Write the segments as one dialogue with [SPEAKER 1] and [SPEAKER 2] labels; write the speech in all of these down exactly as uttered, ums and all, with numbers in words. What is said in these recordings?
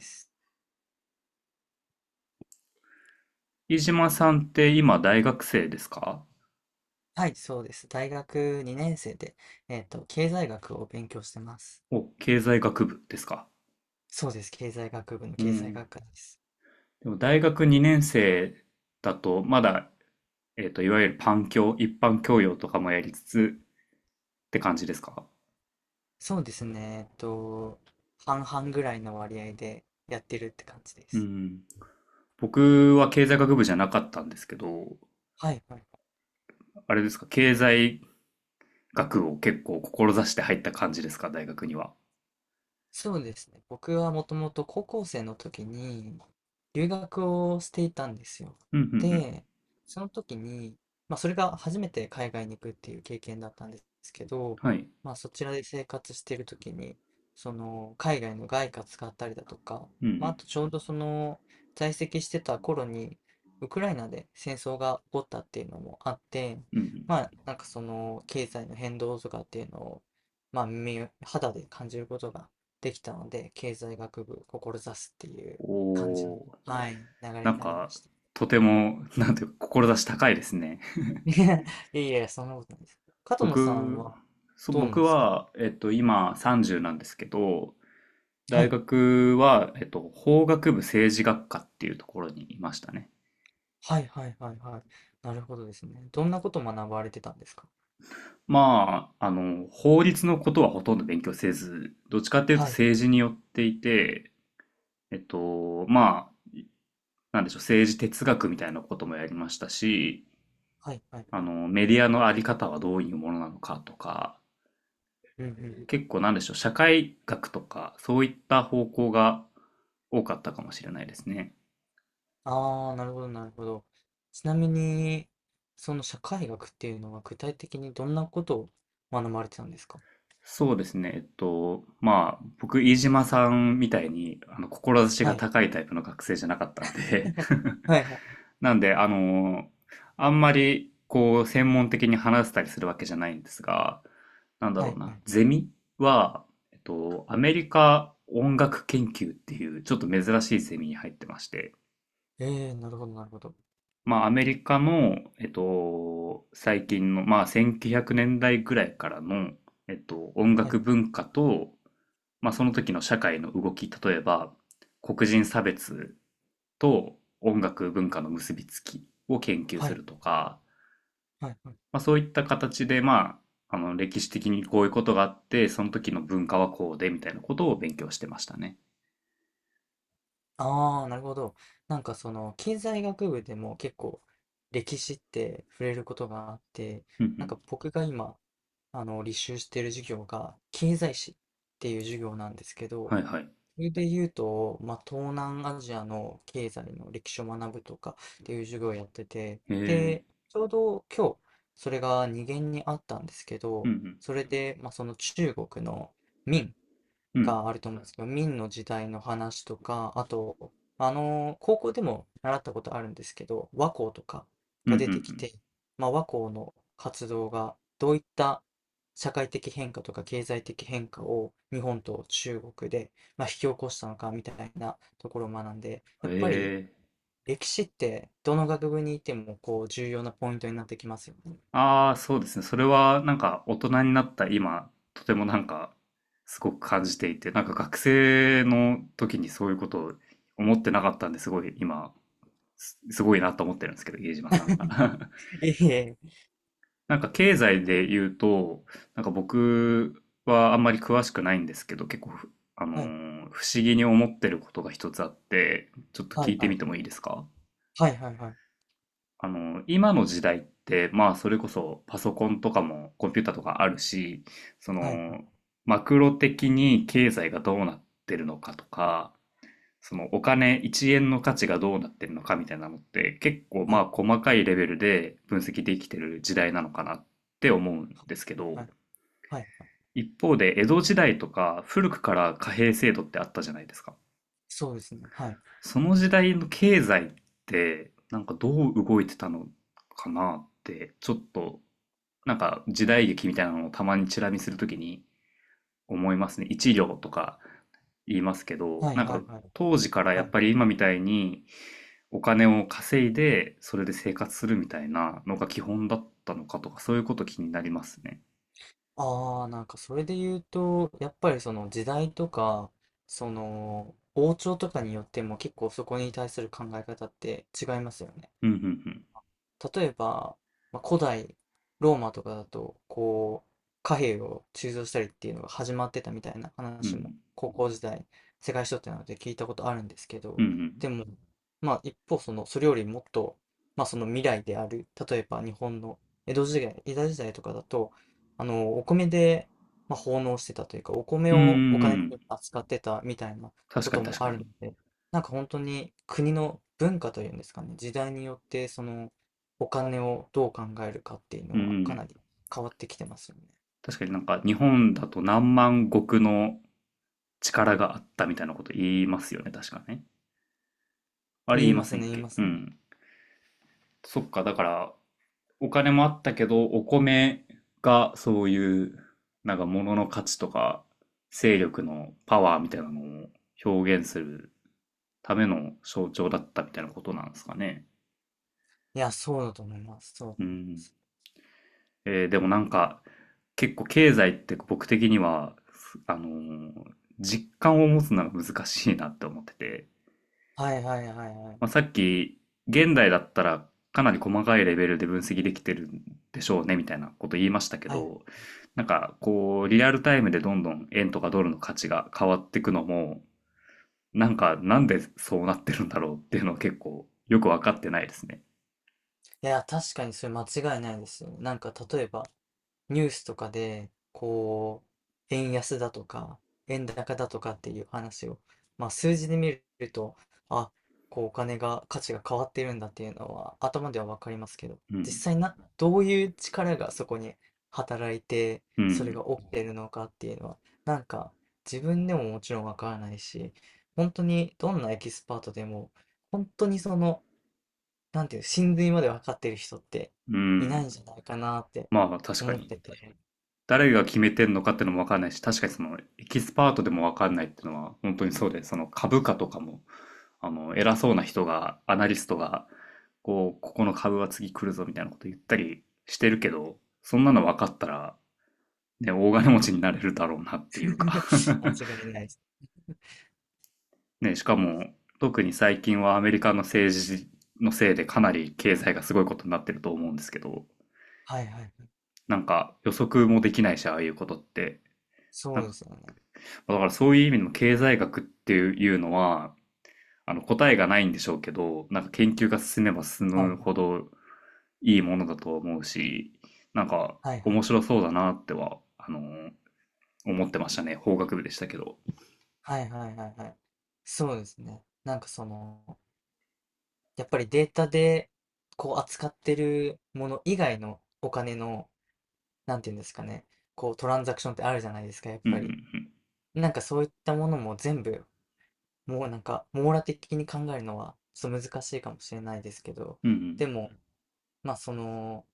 [SPEAKER 1] す
[SPEAKER 2] 飯島さんって今大学生ですか？
[SPEAKER 1] はい、そうです。大学に生で、えっと、経済学を勉強してます。
[SPEAKER 2] お、経済学部ですか？
[SPEAKER 1] そうです。経済学部の
[SPEAKER 2] う
[SPEAKER 1] 経済
[SPEAKER 2] ん。
[SPEAKER 1] 学科です。
[SPEAKER 2] でも大学にねん生だと、まだ、えっと、いわゆるパン教、一般教養とかもやりつつって感じですか？
[SPEAKER 1] そうですね。えっと、半々ぐらいの割合でやってるって感じで
[SPEAKER 2] う
[SPEAKER 1] す。
[SPEAKER 2] ん。僕は経済学部じゃなかったんですけど、
[SPEAKER 1] はい、はい。
[SPEAKER 2] あれですか、経済学を結構志して入った感じですか、大学には。
[SPEAKER 1] そうですね。僕はもともと高校生の時に留学をしていたんですよ。
[SPEAKER 2] うん、うん、うん。
[SPEAKER 1] で、その時に、まあそれが初めて海外に行くっていう経験だったんですけど、
[SPEAKER 2] はい。
[SPEAKER 1] まあそちらで生活している時に、その海外の外貨使ったりだとか、
[SPEAKER 2] う
[SPEAKER 1] まああ
[SPEAKER 2] ん、
[SPEAKER 1] とちょうどその在籍してた頃にウクライナで戦争が起こったっていうのもあって、
[SPEAKER 2] うん、うん。うん
[SPEAKER 1] まあなんかその経済の変動とかっていうのを、まあ耳を肌で感じることができたので、経済学部志すっていう感じの、
[SPEAKER 2] おー、
[SPEAKER 1] はい、流れ
[SPEAKER 2] な
[SPEAKER 1] に
[SPEAKER 2] ん
[SPEAKER 1] なりま
[SPEAKER 2] か、
[SPEAKER 1] した。
[SPEAKER 2] とても、なんていうか、志高いですね。
[SPEAKER 1] いやいや、そんなことないです。加藤野さん
[SPEAKER 2] 僕、
[SPEAKER 1] は
[SPEAKER 2] そう、
[SPEAKER 1] どうなん
[SPEAKER 2] 僕
[SPEAKER 1] ですか？
[SPEAKER 2] は、えっと、今さんじゅうなんですけど、
[SPEAKER 1] は
[SPEAKER 2] 大
[SPEAKER 1] い、
[SPEAKER 2] 学は、えっと、法学部政治学科っていうところにいましたね。
[SPEAKER 1] はいはいはいはい。なるほどですね。どんなことを学ばれてたんですか？
[SPEAKER 2] まあ、あの、法律のことはほとんど勉強せず、どっちかっていうと
[SPEAKER 1] はい、
[SPEAKER 2] 政治によっていて、えっと、まあ、なんでしょう、政治哲学みたいなこともやりましたし、
[SPEAKER 1] はいはい
[SPEAKER 2] あ
[SPEAKER 1] はい。
[SPEAKER 2] の、メディアのあり方はどういうものなのかとか、
[SPEAKER 1] うんうん。
[SPEAKER 2] 結構なんでしょう、社会学とか、そういった方向が多かったかもしれないですね。
[SPEAKER 1] ああ、なるほどなるほど。ちなみに、その社会学っていうのは具体的にどんなことを学ばれてたんですか？
[SPEAKER 2] そうですね。えっと、まあ、僕、飯島さんみたいに、あの、志が
[SPEAKER 1] はい。
[SPEAKER 2] 高いタイプの学生じゃなかったんで
[SPEAKER 1] はいはい。
[SPEAKER 2] なんで、あの、あんまり、こう、専門的に話せたりするわけじゃないんですが、なんだ
[SPEAKER 1] は
[SPEAKER 2] ろう
[SPEAKER 1] いは
[SPEAKER 2] な、
[SPEAKER 1] い。
[SPEAKER 2] ゼミは、えっと、アメリカ音楽研究っていう、ちょっと珍しいゼミに入ってまして、
[SPEAKER 1] ええー、なるほどなるほど。
[SPEAKER 2] まあ、アメリカの、えっと、最近の、まあ、せんきゅうひゃくねんだいぐらいからの、えっと、音
[SPEAKER 1] はい
[SPEAKER 2] 楽
[SPEAKER 1] はい。
[SPEAKER 2] 文化と、まあ、その時の社会の動き、例えば黒人差別と音楽文化の結びつきを研究
[SPEAKER 1] は
[SPEAKER 2] す
[SPEAKER 1] い
[SPEAKER 2] るとか、
[SPEAKER 1] はいはい。
[SPEAKER 2] まあ、そういった形で、まあ、あの歴史的にこういうことがあってその時の文化はこうでみたいなことを勉強してましたね。
[SPEAKER 1] ああ、なるほど。なんかその経済学部でも結構歴史って触れることがあって、
[SPEAKER 2] うんう
[SPEAKER 1] なん
[SPEAKER 2] ん。
[SPEAKER 1] か僕が今、あの、履修している授業が経済史っていう授業なんですけど、
[SPEAKER 2] はいはい。
[SPEAKER 1] それで言うと、まあ、東南アジアの経済の歴史を学ぶとかっていう授業をやってて、
[SPEAKER 2] へえ。
[SPEAKER 1] で、ちょうど今日、それが二限にあったんですけ
[SPEAKER 2] う
[SPEAKER 1] ど、
[SPEAKER 2] ん
[SPEAKER 1] それで、まあ、その中国の明
[SPEAKER 2] うん。うん。
[SPEAKER 1] があると思うんですけど、明の時代の話とか、あと、あの、高校でも習ったことあるんですけど、和光とか
[SPEAKER 2] うんう
[SPEAKER 1] が出てき
[SPEAKER 2] ん
[SPEAKER 1] て、まあ、和光の活動がどういった社会的変化とか経済的変化を日本と中国で、まあ、引き起こしたのかみたいなところを学んで、
[SPEAKER 2] う
[SPEAKER 1] や
[SPEAKER 2] ん。へ
[SPEAKER 1] っぱり
[SPEAKER 2] え。
[SPEAKER 1] 歴史ってどの学部にいてもこう重要なポイントになってきますよね。
[SPEAKER 2] ああ、そうですね。それはなんか大人になった今、とてもなんかすごく感じていて、なんか学生の時にそういうことを思ってなかったんですごい今、す、すごいなと思ってるんですけど、家島さんが。
[SPEAKER 1] ええ。
[SPEAKER 2] なんか経済で言うと、なんか僕はあんまり詳しくないんですけど、結構ふ、あのー不思議に思ってることが一つあって、ちょっと
[SPEAKER 1] は
[SPEAKER 2] 聞
[SPEAKER 1] い、
[SPEAKER 2] いて
[SPEAKER 1] はい。
[SPEAKER 2] みてもいいですか？
[SPEAKER 1] はい、はい、はい。
[SPEAKER 2] あの、今の時代って、まあ、それこそパソコンとかもコンピューターとかあるし、そ
[SPEAKER 1] はい、は
[SPEAKER 2] の、
[SPEAKER 1] い、
[SPEAKER 2] マクロ的に経済がどうなってるのかとか、そのお金いちえんの価値がどうなってるのかみたいなのって結構
[SPEAKER 1] は
[SPEAKER 2] ま
[SPEAKER 1] い、
[SPEAKER 2] あ
[SPEAKER 1] はい。
[SPEAKER 2] 細かいレベルで分析できてる時代なのかなって思うんですけど、
[SPEAKER 1] はい、はい。はい、
[SPEAKER 2] 一方で江戸時代とか古くから貨幣制度ってあったじゃないですか。
[SPEAKER 1] そうですね。はい。
[SPEAKER 2] その時代の経済ってなんかどう動いてたのかなってちょっとなんか時代劇みたいなのをたまにチラ見するときに思いますね。いちりょうとか言いますけど、
[SPEAKER 1] はい
[SPEAKER 2] なん
[SPEAKER 1] は
[SPEAKER 2] か
[SPEAKER 1] いはい。
[SPEAKER 2] 当時からや
[SPEAKER 1] は
[SPEAKER 2] っぱ
[SPEAKER 1] い。
[SPEAKER 2] り今みたいにお金を稼いでそれで生活するみたいなのが基本だったのかとかそういうこと気になりますね。
[SPEAKER 1] ああ、なんかそれで言うと、やっぱりその時代とか、その王朝とかによっても結構そこに対する考え方って違いますよね。
[SPEAKER 2] うんうんうん。
[SPEAKER 1] 例えば、まあ、古代ローマとかだとこう貨幣を鋳造したりっていうのが始まってたみたいな
[SPEAKER 2] う
[SPEAKER 1] 話
[SPEAKER 2] ん
[SPEAKER 1] も高校時代世界史とってなので聞いたことあるんですけ
[SPEAKER 2] う
[SPEAKER 1] ど、
[SPEAKER 2] んうん。
[SPEAKER 1] でも、まあ一方そのそれよりもっと、まあその未来である例えば日本の江戸時代江戸時代とかだと、あのお米で、まあ奉納してたというか、お米
[SPEAKER 2] うんうんう
[SPEAKER 1] をお金に
[SPEAKER 2] ん。
[SPEAKER 1] 扱ってたみたいな
[SPEAKER 2] 確
[SPEAKER 1] こ
[SPEAKER 2] かに
[SPEAKER 1] と
[SPEAKER 2] 確
[SPEAKER 1] も
[SPEAKER 2] か
[SPEAKER 1] あるの
[SPEAKER 2] に。
[SPEAKER 1] で、なんか本当に国の文化というんですかね、時代によってそのお金をどう考えるかっていう
[SPEAKER 2] うん
[SPEAKER 1] の
[SPEAKER 2] う
[SPEAKER 1] はかな
[SPEAKER 2] ん。
[SPEAKER 1] り変わってきてますよね。
[SPEAKER 2] 確かになんか日本だと何万石の力があったみたいなこと言いますよね。確かね。あれ言
[SPEAKER 1] 言い
[SPEAKER 2] いま
[SPEAKER 1] ます
[SPEAKER 2] せ
[SPEAKER 1] ね、
[SPEAKER 2] んっ
[SPEAKER 1] 言い
[SPEAKER 2] け？
[SPEAKER 1] ま
[SPEAKER 2] う
[SPEAKER 1] すね。
[SPEAKER 2] ん。そっか、だからお金もあったけど、お米がそういう、なんか物の価値とか、勢力のパワーみたいなのを表現するための象徴だったみたいなことなんですかね。
[SPEAKER 1] いや、そうだと思います。そうだ
[SPEAKER 2] う
[SPEAKER 1] と思いま
[SPEAKER 2] ん。
[SPEAKER 1] す。
[SPEAKER 2] えーでもなんか、結構経済って僕的には、あのー実感を持つのが難しいなって思ってて、
[SPEAKER 1] はいはいはいはい。
[SPEAKER 2] まあ、さっき、現代だったらかなり細かいレベルで分析できてるんでしょうねみたいなこと言いましたけ
[SPEAKER 1] はい。
[SPEAKER 2] ど、なんかこう、リアルタイムでどんどん円とかドルの価値が変わっていくのも、なんかなんでそうなってるんだろうっていうのは結構よくわかってないですね。
[SPEAKER 1] いや、確かにそれ間違いないですよ。なんか例えばニュースとかで、こう、円安だとか、円高だとかっていう話を、まあ数字で見ると、あ、こうお金が、価値が変わってるんだっていうのは頭ではわかりますけど、
[SPEAKER 2] う
[SPEAKER 1] 実
[SPEAKER 2] ん。
[SPEAKER 1] 際な、どういう力がそこに働いて、
[SPEAKER 2] う
[SPEAKER 1] それ
[SPEAKER 2] ん。
[SPEAKER 1] が起きてるのかっていうのは、なんか自分でももちろんわからないし、本当にどんなエキスパートでも、本当にその、なんていう、真髄までわかってる人って
[SPEAKER 2] う
[SPEAKER 1] いない
[SPEAKER 2] ん。
[SPEAKER 1] んじゃないかなって
[SPEAKER 2] まあ確か
[SPEAKER 1] 思っ
[SPEAKER 2] に。
[SPEAKER 1] てて。
[SPEAKER 2] 誰が決めてんのかってのもわかんないし、確かにそのエキスパートでもわかんないっていうのは本当にそうで、その株価とかもあの、偉そうな人が、アナリストが、こう、ここの株は次来るぞみたいなこと言ったりしてるけど、そんなの分かったら、ね、大金持ちになれるだろうなってい うか
[SPEAKER 1] 間違いないです。
[SPEAKER 2] ね、しかも、特に最近はアメリカの政治のせいでかなり経済がすごいことになってると思うんですけど、
[SPEAKER 1] はいはい、
[SPEAKER 2] なんか予測もできないし、ああいうことって。
[SPEAKER 1] そ
[SPEAKER 2] な
[SPEAKER 1] う
[SPEAKER 2] ん
[SPEAKER 1] で
[SPEAKER 2] か、
[SPEAKER 1] すよね。
[SPEAKER 2] だからそういう意味でも経済学っていうのは、あの答えがないんでしょうけど、なんか研究が進めば進
[SPEAKER 1] は
[SPEAKER 2] む
[SPEAKER 1] い
[SPEAKER 2] ほどいいものだと思うし、なんか
[SPEAKER 1] はいはい。
[SPEAKER 2] 面白そうだなっては、あのー思ってましたね。法学部でしたけど。
[SPEAKER 1] はいはいはいはい。そうですね。なんかその、やっぱりデータでこう扱ってるもの以外のお金の、なんていうんですかね、こうトランザクションってあるじゃないですか、やっ
[SPEAKER 2] うんう
[SPEAKER 1] ぱり。
[SPEAKER 2] ん
[SPEAKER 1] なんかそういったものも全部、もうなんか網羅的に考えるのはちょっと難しいかもしれないですけど、
[SPEAKER 2] うん。う
[SPEAKER 1] で
[SPEAKER 2] ん
[SPEAKER 1] も、まあその、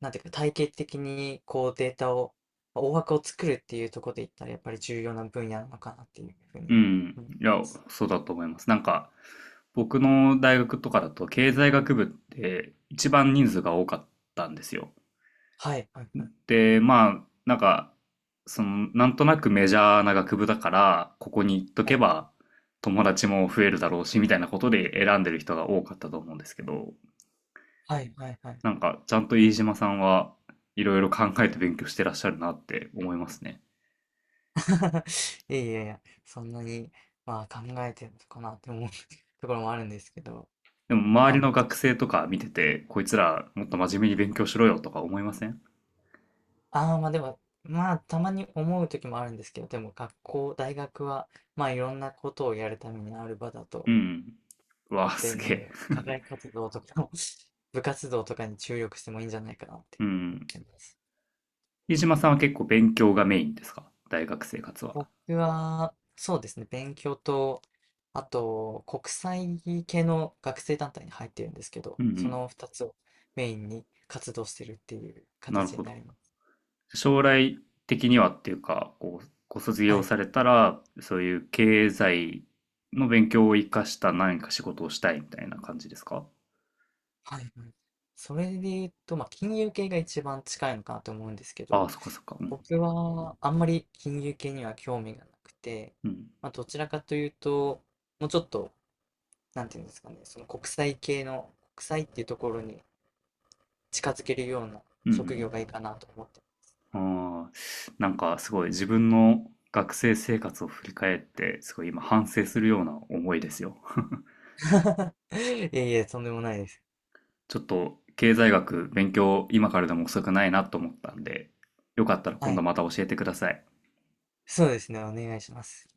[SPEAKER 1] なんていうか、体系的にこうデータを、大枠を作るっていうところで言ったら、やっぱり重要な分野なのかなっていうふう
[SPEAKER 2] う
[SPEAKER 1] に
[SPEAKER 2] ん。う
[SPEAKER 1] 思いま
[SPEAKER 2] ん。いや、
[SPEAKER 1] す。
[SPEAKER 2] そうだと思います。なんか、僕の大学とかだと経済学部って一番人数が多かったんですよ。
[SPEAKER 1] はい、はい、はい、
[SPEAKER 2] で、まあ、なんか、その、なんとなくメジャーな学部だから、ここに行っと
[SPEAKER 1] は
[SPEAKER 2] け
[SPEAKER 1] い、
[SPEAKER 2] ば友達も増えるだろうし、みたいなことで選んでる人が多かったと思うんですけど、
[SPEAKER 1] はい、はい、はい。
[SPEAKER 2] な
[SPEAKER 1] は
[SPEAKER 2] ん
[SPEAKER 1] い。
[SPEAKER 2] か、ちゃんと飯島さんはいろいろ考えて勉強してらっしゃるなって思いますね。
[SPEAKER 1] いやいやいや、そんなに、まあ考えてるのかなって思う ところもあるんですけど、
[SPEAKER 2] でも、
[SPEAKER 1] ま
[SPEAKER 2] 周り
[SPEAKER 1] あま
[SPEAKER 2] の学生とか見てて、こいつらもっと真面目に勉強しろよとか思いません？
[SPEAKER 1] あ、ああ、まあでも、まあたまに思う時もあるんですけど、でも学校、大学は、まあいろんなことをやるためにある場だ
[SPEAKER 2] う
[SPEAKER 1] と
[SPEAKER 2] ん。う
[SPEAKER 1] 思っ
[SPEAKER 2] わ、
[SPEAKER 1] て
[SPEAKER 2] す
[SPEAKER 1] るの
[SPEAKER 2] げえ。
[SPEAKER 1] で、課外活動とか 部活動とかに注力してもいいんじゃないかなって
[SPEAKER 2] う
[SPEAKER 1] 思っ
[SPEAKER 2] ん。
[SPEAKER 1] てます。
[SPEAKER 2] 飯島さんは結構勉強がメインですか？大学生活は。
[SPEAKER 1] 僕は、そうですね、勉強と、あと、国際系の学生団体に入ってるんですけど、
[SPEAKER 2] うんう
[SPEAKER 1] そ
[SPEAKER 2] ん。
[SPEAKER 1] のふたつをメインに活動してるっていう
[SPEAKER 2] なる
[SPEAKER 1] 形
[SPEAKER 2] ほ
[SPEAKER 1] に
[SPEAKER 2] ど。
[SPEAKER 1] なります。
[SPEAKER 2] 将来的にはっていうか、こう、ご卒
[SPEAKER 1] は
[SPEAKER 2] 業
[SPEAKER 1] い。
[SPEAKER 2] されたら、そういう経済の勉強を生かした何か仕事をしたいみたいな感じですか？
[SPEAKER 1] はい。はい、それで言うと、まあ、金融系が一番近いのかなと思うんですけ
[SPEAKER 2] ああ、
[SPEAKER 1] ど、
[SPEAKER 2] そっかそっか。うん。
[SPEAKER 1] 僕はあんまり金融系には興味がなくて、
[SPEAKER 2] うん。
[SPEAKER 1] まあ、どちらかというと、もうちょっとなんていうんですかね、その国際系の、国際っていうところに近づけるような
[SPEAKER 2] うんう
[SPEAKER 1] 職業
[SPEAKER 2] ん。
[SPEAKER 1] がいいかなと思って。
[SPEAKER 2] あーなんかすごい自分の学生生活を振り返って、すごい今反省するような思いですよ。
[SPEAKER 1] いえいえ、とんでもないです。
[SPEAKER 2] ちょっと経済学勉強今からでも遅くないなと思ったんで、よかったら
[SPEAKER 1] は
[SPEAKER 2] 今度
[SPEAKER 1] い。
[SPEAKER 2] また教えてください。
[SPEAKER 1] そうですね、お願いします。